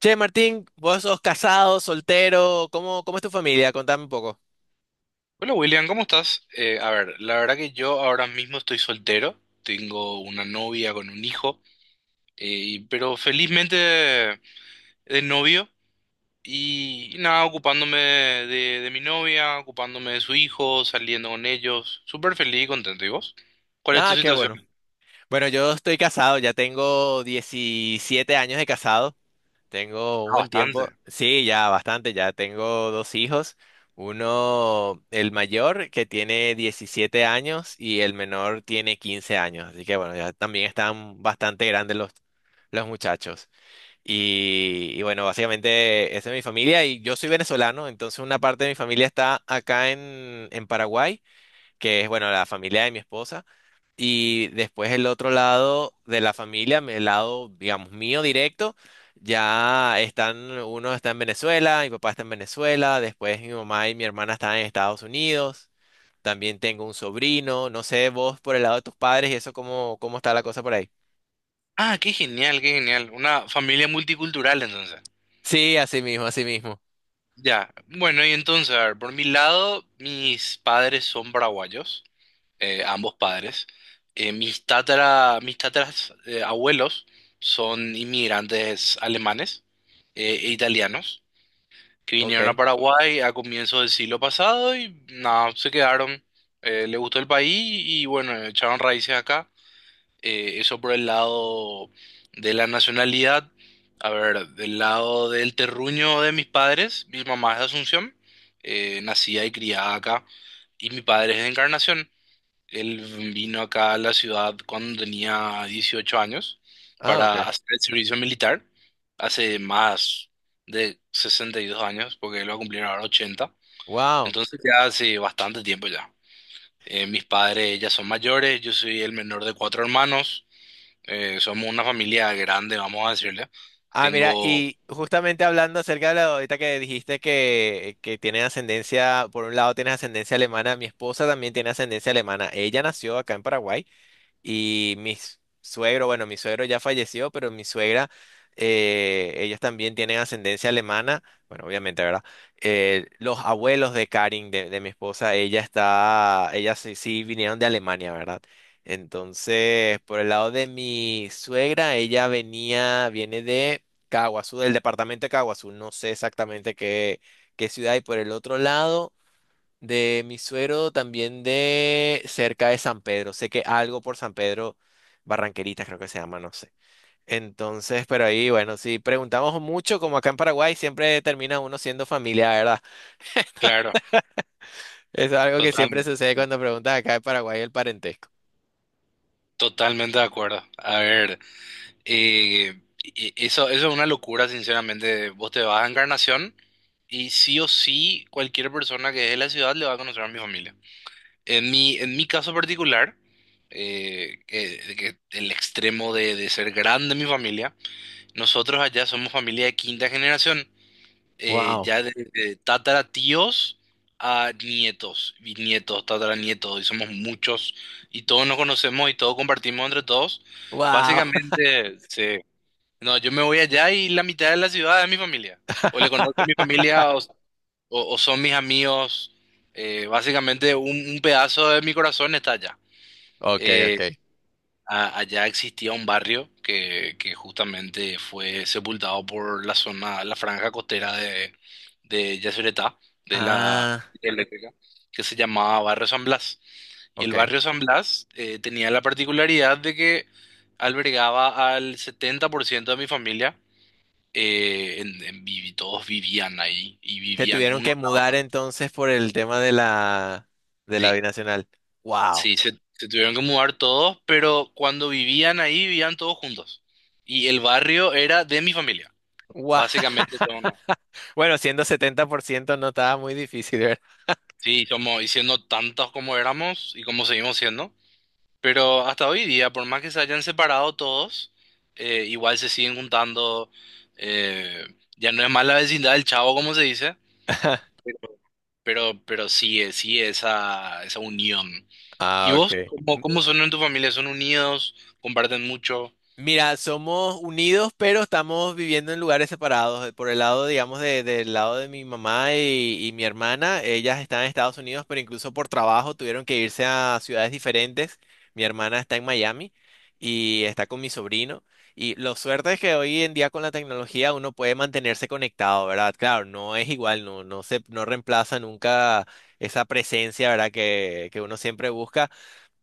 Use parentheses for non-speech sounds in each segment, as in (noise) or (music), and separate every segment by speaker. Speaker 1: Che, Martín, vos sos casado, soltero, ¿Cómo es tu familia? Contame un poco.
Speaker 2: Hola William, ¿cómo estás? A ver, la verdad que yo ahora mismo estoy soltero, tengo una novia con un hijo, pero felizmente de novio y, nada, ocupándome de mi novia, ocupándome de su hijo, saliendo con ellos, súper feliz y contento. ¿Y vos? ¿Cuál es tu
Speaker 1: Ah, qué
Speaker 2: situación?
Speaker 1: bueno. Bueno, yo estoy casado, ya tengo 17 años de casado, tengo un
Speaker 2: Ah,
Speaker 1: buen tiempo.
Speaker 2: bastante.
Speaker 1: Sí, ya bastante, ya tengo dos hijos, uno, el mayor, que tiene 17 años y el menor tiene 15 años, así que bueno, ya también están bastante grandes los muchachos. Y bueno, básicamente esa es mi familia y yo soy venezolano, entonces una parte de mi familia está acá en Paraguay, que es, bueno, la familia de mi esposa, y después el otro lado de la familia, el lado, digamos, mío directo, ya están, uno está en Venezuela, mi papá está en Venezuela, después mi mamá y mi hermana están en Estados Unidos, también tengo un sobrino, no sé, vos por el lado de tus padres y eso, ¿cómo está la cosa por ahí?
Speaker 2: Ah, qué genial, qué genial. Una familia multicultural entonces.
Speaker 1: Sí, así mismo, así mismo.
Speaker 2: Ya, bueno, y entonces, a ver, por mi lado, mis padres son paraguayos, ambos padres. Mis mis tataras abuelos son inmigrantes alemanes e italianos que vinieron a
Speaker 1: Ok.
Speaker 2: Paraguay a comienzos del siglo pasado y nada, se quedaron. Les gustó el país y bueno, echaron raíces acá. Eso por el lado de la nacionalidad. A ver, del lado del terruño de mis padres, mi mamá es de Asunción, nacida y criada acá, y mi padre es de Encarnación. Él vino acá a la ciudad cuando tenía 18 años
Speaker 1: Ah,
Speaker 2: para
Speaker 1: ok.
Speaker 2: hacer el servicio militar, hace más de 62 años, porque él va a cumplir ahora 80.
Speaker 1: Wow.
Speaker 2: Entonces ya hace bastante tiempo ya. Mis padres ya son mayores, yo soy el menor de cuatro hermanos, somos una familia grande, vamos a decirle.
Speaker 1: Ah, mira,
Speaker 2: Tengo,
Speaker 1: y justamente hablando acerca de la ahorita que dijiste que tiene ascendencia, por un lado tienes ascendencia alemana, mi esposa también tiene ascendencia alemana. Ella nació acá en Paraguay. Y mi suegro, bueno, mi suegro ya falleció, pero mi suegra, ellos también tienen ascendencia alemana, bueno, obviamente, ¿verdad? Los abuelos de Karin, de mi esposa, ella está, ella sí, sí vinieron de Alemania, ¿verdad? Entonces, por el lado de mi suegra, ella venía, viene de Caaguazú, del departamento de Caaguazú, no sé exactamente qué, qué ciudad, y por el otro lado de mi suero, también de cerca de San Pedro. Sé que algo por San Pedro, Barranqueritas creo que se llama, no sé. Entonces, pero ahí, bueno, si preguntamos mucho, como acá en Paraguay, siempre termina uno siendo familia, ¿verdad?
Speaker 2: claro,
Speaker 1: Es algo que siempre
Speaker 2: totalmente,
Speaker 1: sucede cuando preguntas acá en Paraguay el parentesco.
Speaker 2: totalmente de acuerdo. A ver. Eso es una locura, sinceramente. Vos te vas a Encarnación y sí o sí cualquier persona que es de la ciudad le va a conocer a mi familia. En mi caso particular, que el extremo de ser grande mi familia, nosotros allá somos familia de quinta generación,
Speaker 1: Wow.
Speaker 2: ya de tatara tíos a nietos, y nietos, tatara, y somos muchos, y todos nos conocemos y todos compartimos entre todos.
Speaker 1: Wow.
Speaker 2: Básicamente, sí. No, yo me voy allá y la mitad de la ciudad es mi familia. O le conozco a mi
Speaker 1: (laughs)
Speaker 2: familia o son mis amigos. Básicamente un pedazo de mi corazón está allá.
Speaker 1: Ok,
Speaker 2: Eh,
Speaker 1: ok.
Speaker 2: a- allá existía un barrio que justamente fue sepultado por la zona, la franja costera de Yacyretá, de la
Speaker 1: Ah,
Speaker 2: eléctrica, que se llamaba Barrio San Blas. Y el
Speaker 1: ok.
Speaker 2: barrio San Blas tenía la particularidad de que albergaba al 70% de mi familia, todos vivían ahí y
Speaker 1: Se
Speaker 2: vivían
Speaker 1: tuvieron
Speaker 2: uno.
Speaker 1: que mudar entonces por el tema de la
Speaker 2: Sí,
Speaker 1: binacional. Wow.
Speaker 2: sí, se tuvieron que mudar todos, pero cuando vivían ahí vivían todos juntos. Y el barrio era de mi familia,
Speaker 1: Guau.
Speaker 2: básicamente todo, ¿no?
Speaker 1: (laughs) Bueno, siendo 70% no estaba muy difícil, ¿verdad?
Speaker 2: Sí, somos, y siendo tantos como éramos y como seguimos siendo, pero hasta hoy día, por más que se hayan separado todos, igual se siguen juntando. Eh, ya no es más la vecindad del chavo, como se dice.
Speaker 1: (laughs)
Speaker 2: Pero sí, sí, esa unión. ¿Y
Speaker 1: Ah,
Speaker 2: vos?
Speaker 1: ok.
Speaker 2: ¿Cómo, cómo son en tu familia? ¿Son unidos? ¿Comparten mucho?
Speaker 1: Mira, somos unidos, pero estamos viviendo en lugares separados. Por el lado, digamos, del lado de mi mamá y mi hermana, ellas están en Estados Unidos, pero incluso por trabajo tuvieron que irse a ciudades diferentes. Mi hermana está en Miami y está con mi sobrino. Y lo suerte es que hoy en día con la tecnología uno puede mantenerse conectado, ¿verdad? Claro, no es igual, no, no reemplaza nunca esa presencia, ¿verdad? Que uno siempre busca,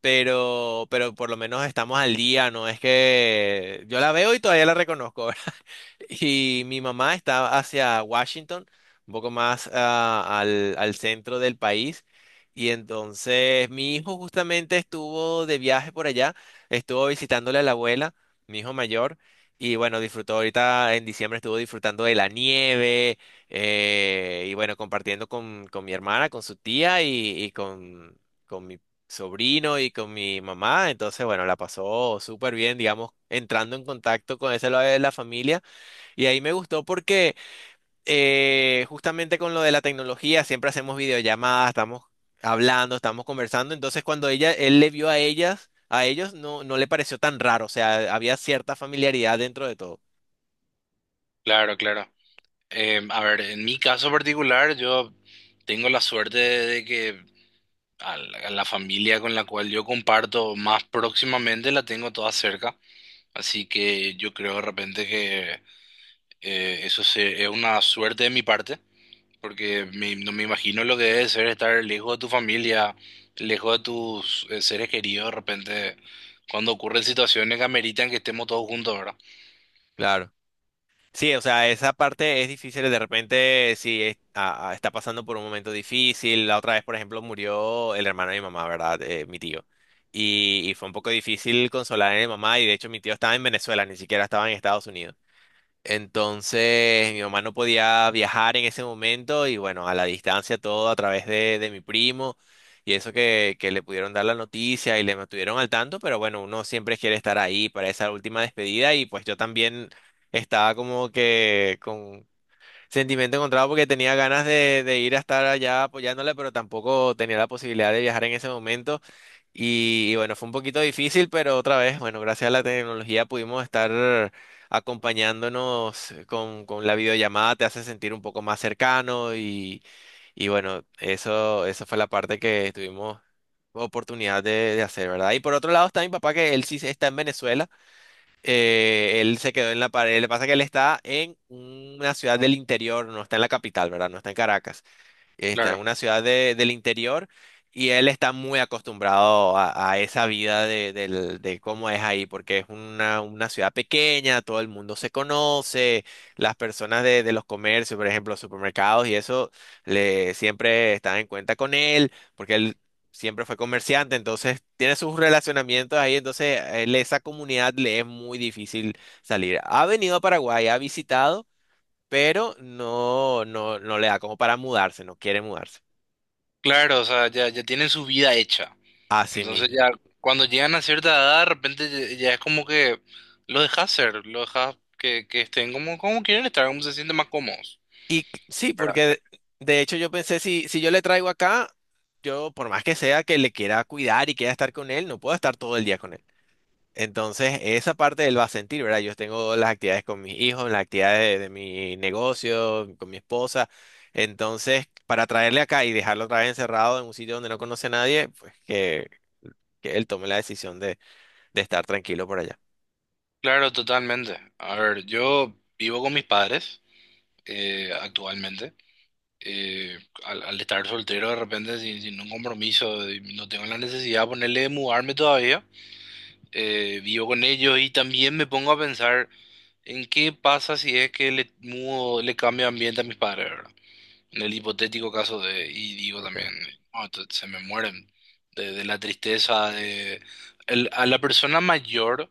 Speaker 1: pero por lo menos estamos al día, ¿no? Es que yo la veo y todavía la reconozco. (laughs) Y mi mamá estaba hacia Washington, un poco más al centro del país. Y entonces mi hijo justamente estuvo de viaje por allá, estuvo visitándole a la abuela, mi hijo mayor. Y bueno, disfrutó ahorita en diciembre, estuvo disfrutando de la nieve y bueno, compartiendo con mi hermana, con su tía y con mi sobrino y con mi mamá. Entonces, bueno, la pasó súper bien, digamos, entrando en contacto con ese lado de la familia y ahí me gustó porque justamente con lo de la tecnología siempre hacemos videollamadas, estamos hablando, estamos conversando. Entonces cuando ella, él le vio a ellas, a ellos no, no le pareció tan raro. O sea, había cierta familiaridad dentro de todo.
Speaker 2: Claro, claro. A ver, en mi caso particular, yo tengo la suerte de, que a a la familia con la cual yo comparto más próximamente la tengo toda cerca. Así que yo creo de repente que es una suerte de mi parte. Porque no me imagino lo que debe ser estar lejos de tu familia, lejos de tus seres queridos de repente, cuando ocurren situaciones que ameritan que estemos todos juntos, ¿verdad?
Speaker 1: Claro. Sí, o sea, esa parte es difícil. De repente, si es- a- está pasando por un momento difícil. La otra vez, por ejemplo, murió el hermano de mi mamá, ¿verdad? Mi tío. Y fue un poco difícil consolar a mi mamá. Y de hecho, mi tío estaba en Venezuela, ni siquiera estaba en Estados Unidos. Entonces mi mamá no podía viajar en ese momento y bueno, a la distancia todo a través de mi primo y eso que le pudieron dar la noticia y le mantuvieron al tanto, pero bueno, uno siempre quiere estar ahí para esa última despedida y pues yo también estaba como que con, sentimiento encontrado porque tenía ganas de ir a estar allá apoyándole, pero tampoco tenía la posibilidad de viajar en ese momento. Y bueno, fue un poquito difícil, pero otra vez, bueno, gracias a la tecnología pudimos estar acompañándonos con la videollamada, te hace sentir un poco más cercano y bueno, eso fue la parte que tuvimos oportunidad de hacer, ¿verdad? Y por otro lado está mi papá, que él sí está en Venezuela. Él se quedó en la pared. Le pasa que él está en una ciudad del interior, no está en la capital, ¿verdad? No está en Caracas. Está en
Speaker 2: Claro.
Speaker 1: una ciudad del interior y él está muy acostumbrado a esa vida de cómo es ahí, porque es una ciudad pequeña, todo el mundo se conoce, las personas de los comercios, por ejemplo, supermercados y eso, le, siempre están en cuenta con él, porque él siempre fue comerciante, entonces tiene sus relacionamientos ahí, entonces él, esa comunidad le es muy difícil salir. Ha venido a Paraguay, ha visitado, pero no, no, no le da como para mudarse, no quiere mudarse
Speaker 2: Claro, o sea, ya, ya tienen su vida hecha.
Speaker 1: a sí
Speaker 2: Entonces
Speaker 1: mismo.
Speaker 2: ya cuando llegan a cierta edad, de repente ya, ya es como que lo dejas ser, lo dejas que estén como, como quieren estar, como se sienten más cómodos.
Speaker 1: Sí,
Speaker 2: ¿Verdad?
Speaker 1: porque de hecho yo pensé, si yo le traigo acá, yo por más que sea que le quiera cuidar y quiera estar con él, no puedo estar todo el día con él. Entonces, esa parte él va a sentir, ¿verdad? Yo tengo las actividades con mis hijos, las actividades de mi negocio, con mi esposa. Entonces, para traerle acá y dejarlo otra vez encerrado en un sitio donde no conoce a nadie, pues que él tome la decisión de estar tranquilo por allá.
Speaker 2: Claro, totalmente. A ver, yo vivo con mis padres actualmente. Eh, al, al estar soltero de repente sin un compromiso, y no tengo la necesidad de ponerle de mudarme todavía, vivo con ellos y también me pongo a pensar en qué pasa si es que le mudo, le cambio de ambiente a mis padres, ¿verdad? En el hipotético caso de, y digo también, "No, se me mueren de la tristeza, a la persona mayor,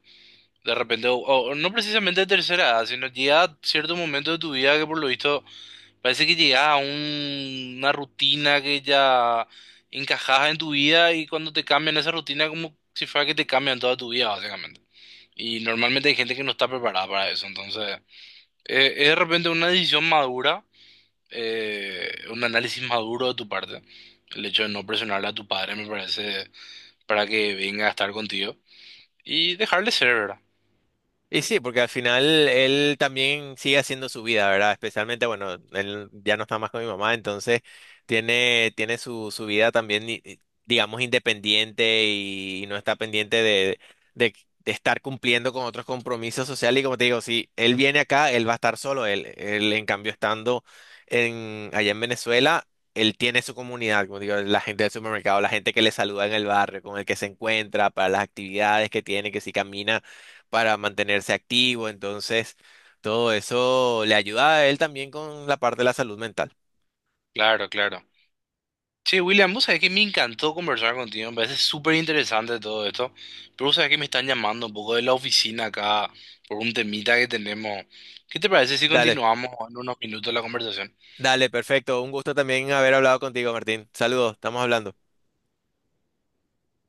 Speaker 2: de repente, o no precisamente de tercera edad, sino llega cierto momento de tu vida que por lo visto parece que llegas a una rutina que ya encajaba en tu vida y cuando te cambian esa rutina, como si fuera que te cambian toda tu vida, básicamente. Y normalmente hay gente que no está preparada para eso, entonces es de repente una decisión madura, un análisis maduro de tu parte. El hecho de no presionarle a tu padre me parece, para que venga a estar contigo, y dejarle ser, ¿verdad?
Speaker 1: Y sí, porque al final él también sigue haciendo su vida, ¿verdad? Especialmente, bueno, él ya no está más con mi mamá, entonces tiene, tiene su, su vida también, digamos, independiente no está pendiente de, de estar cumpliendo con otros compromisos sociales. Y como te digo, si él viene acá, él va a estar solo. Él en cambio, estando allá en Venezuela, él tiene su comunidad, como digo, la gente del supermercado, la gente que le saluda en el barrio, con el que se encuentra, para las actividades que tiene, que si camina para mantenerse activo, entonces todo eso le ayuda a él también con la parte de la salud mental.
Speaker 2: Claro, claro. Che, William, vos sabés que me encantó conversar contigo, me parece súper interesante todo esto, pero vos sabés que me están llamando un poco de la oficina acá por un temita que tenemos. ¿Qué te parece si
Speaker 1: Dale,
Speaker 2: continuamos en unos minutos la conversación?
Speaker 1: dale, perfecto. Un gusto también haber hablado contigo, Martín. Saludos, estamos hablando.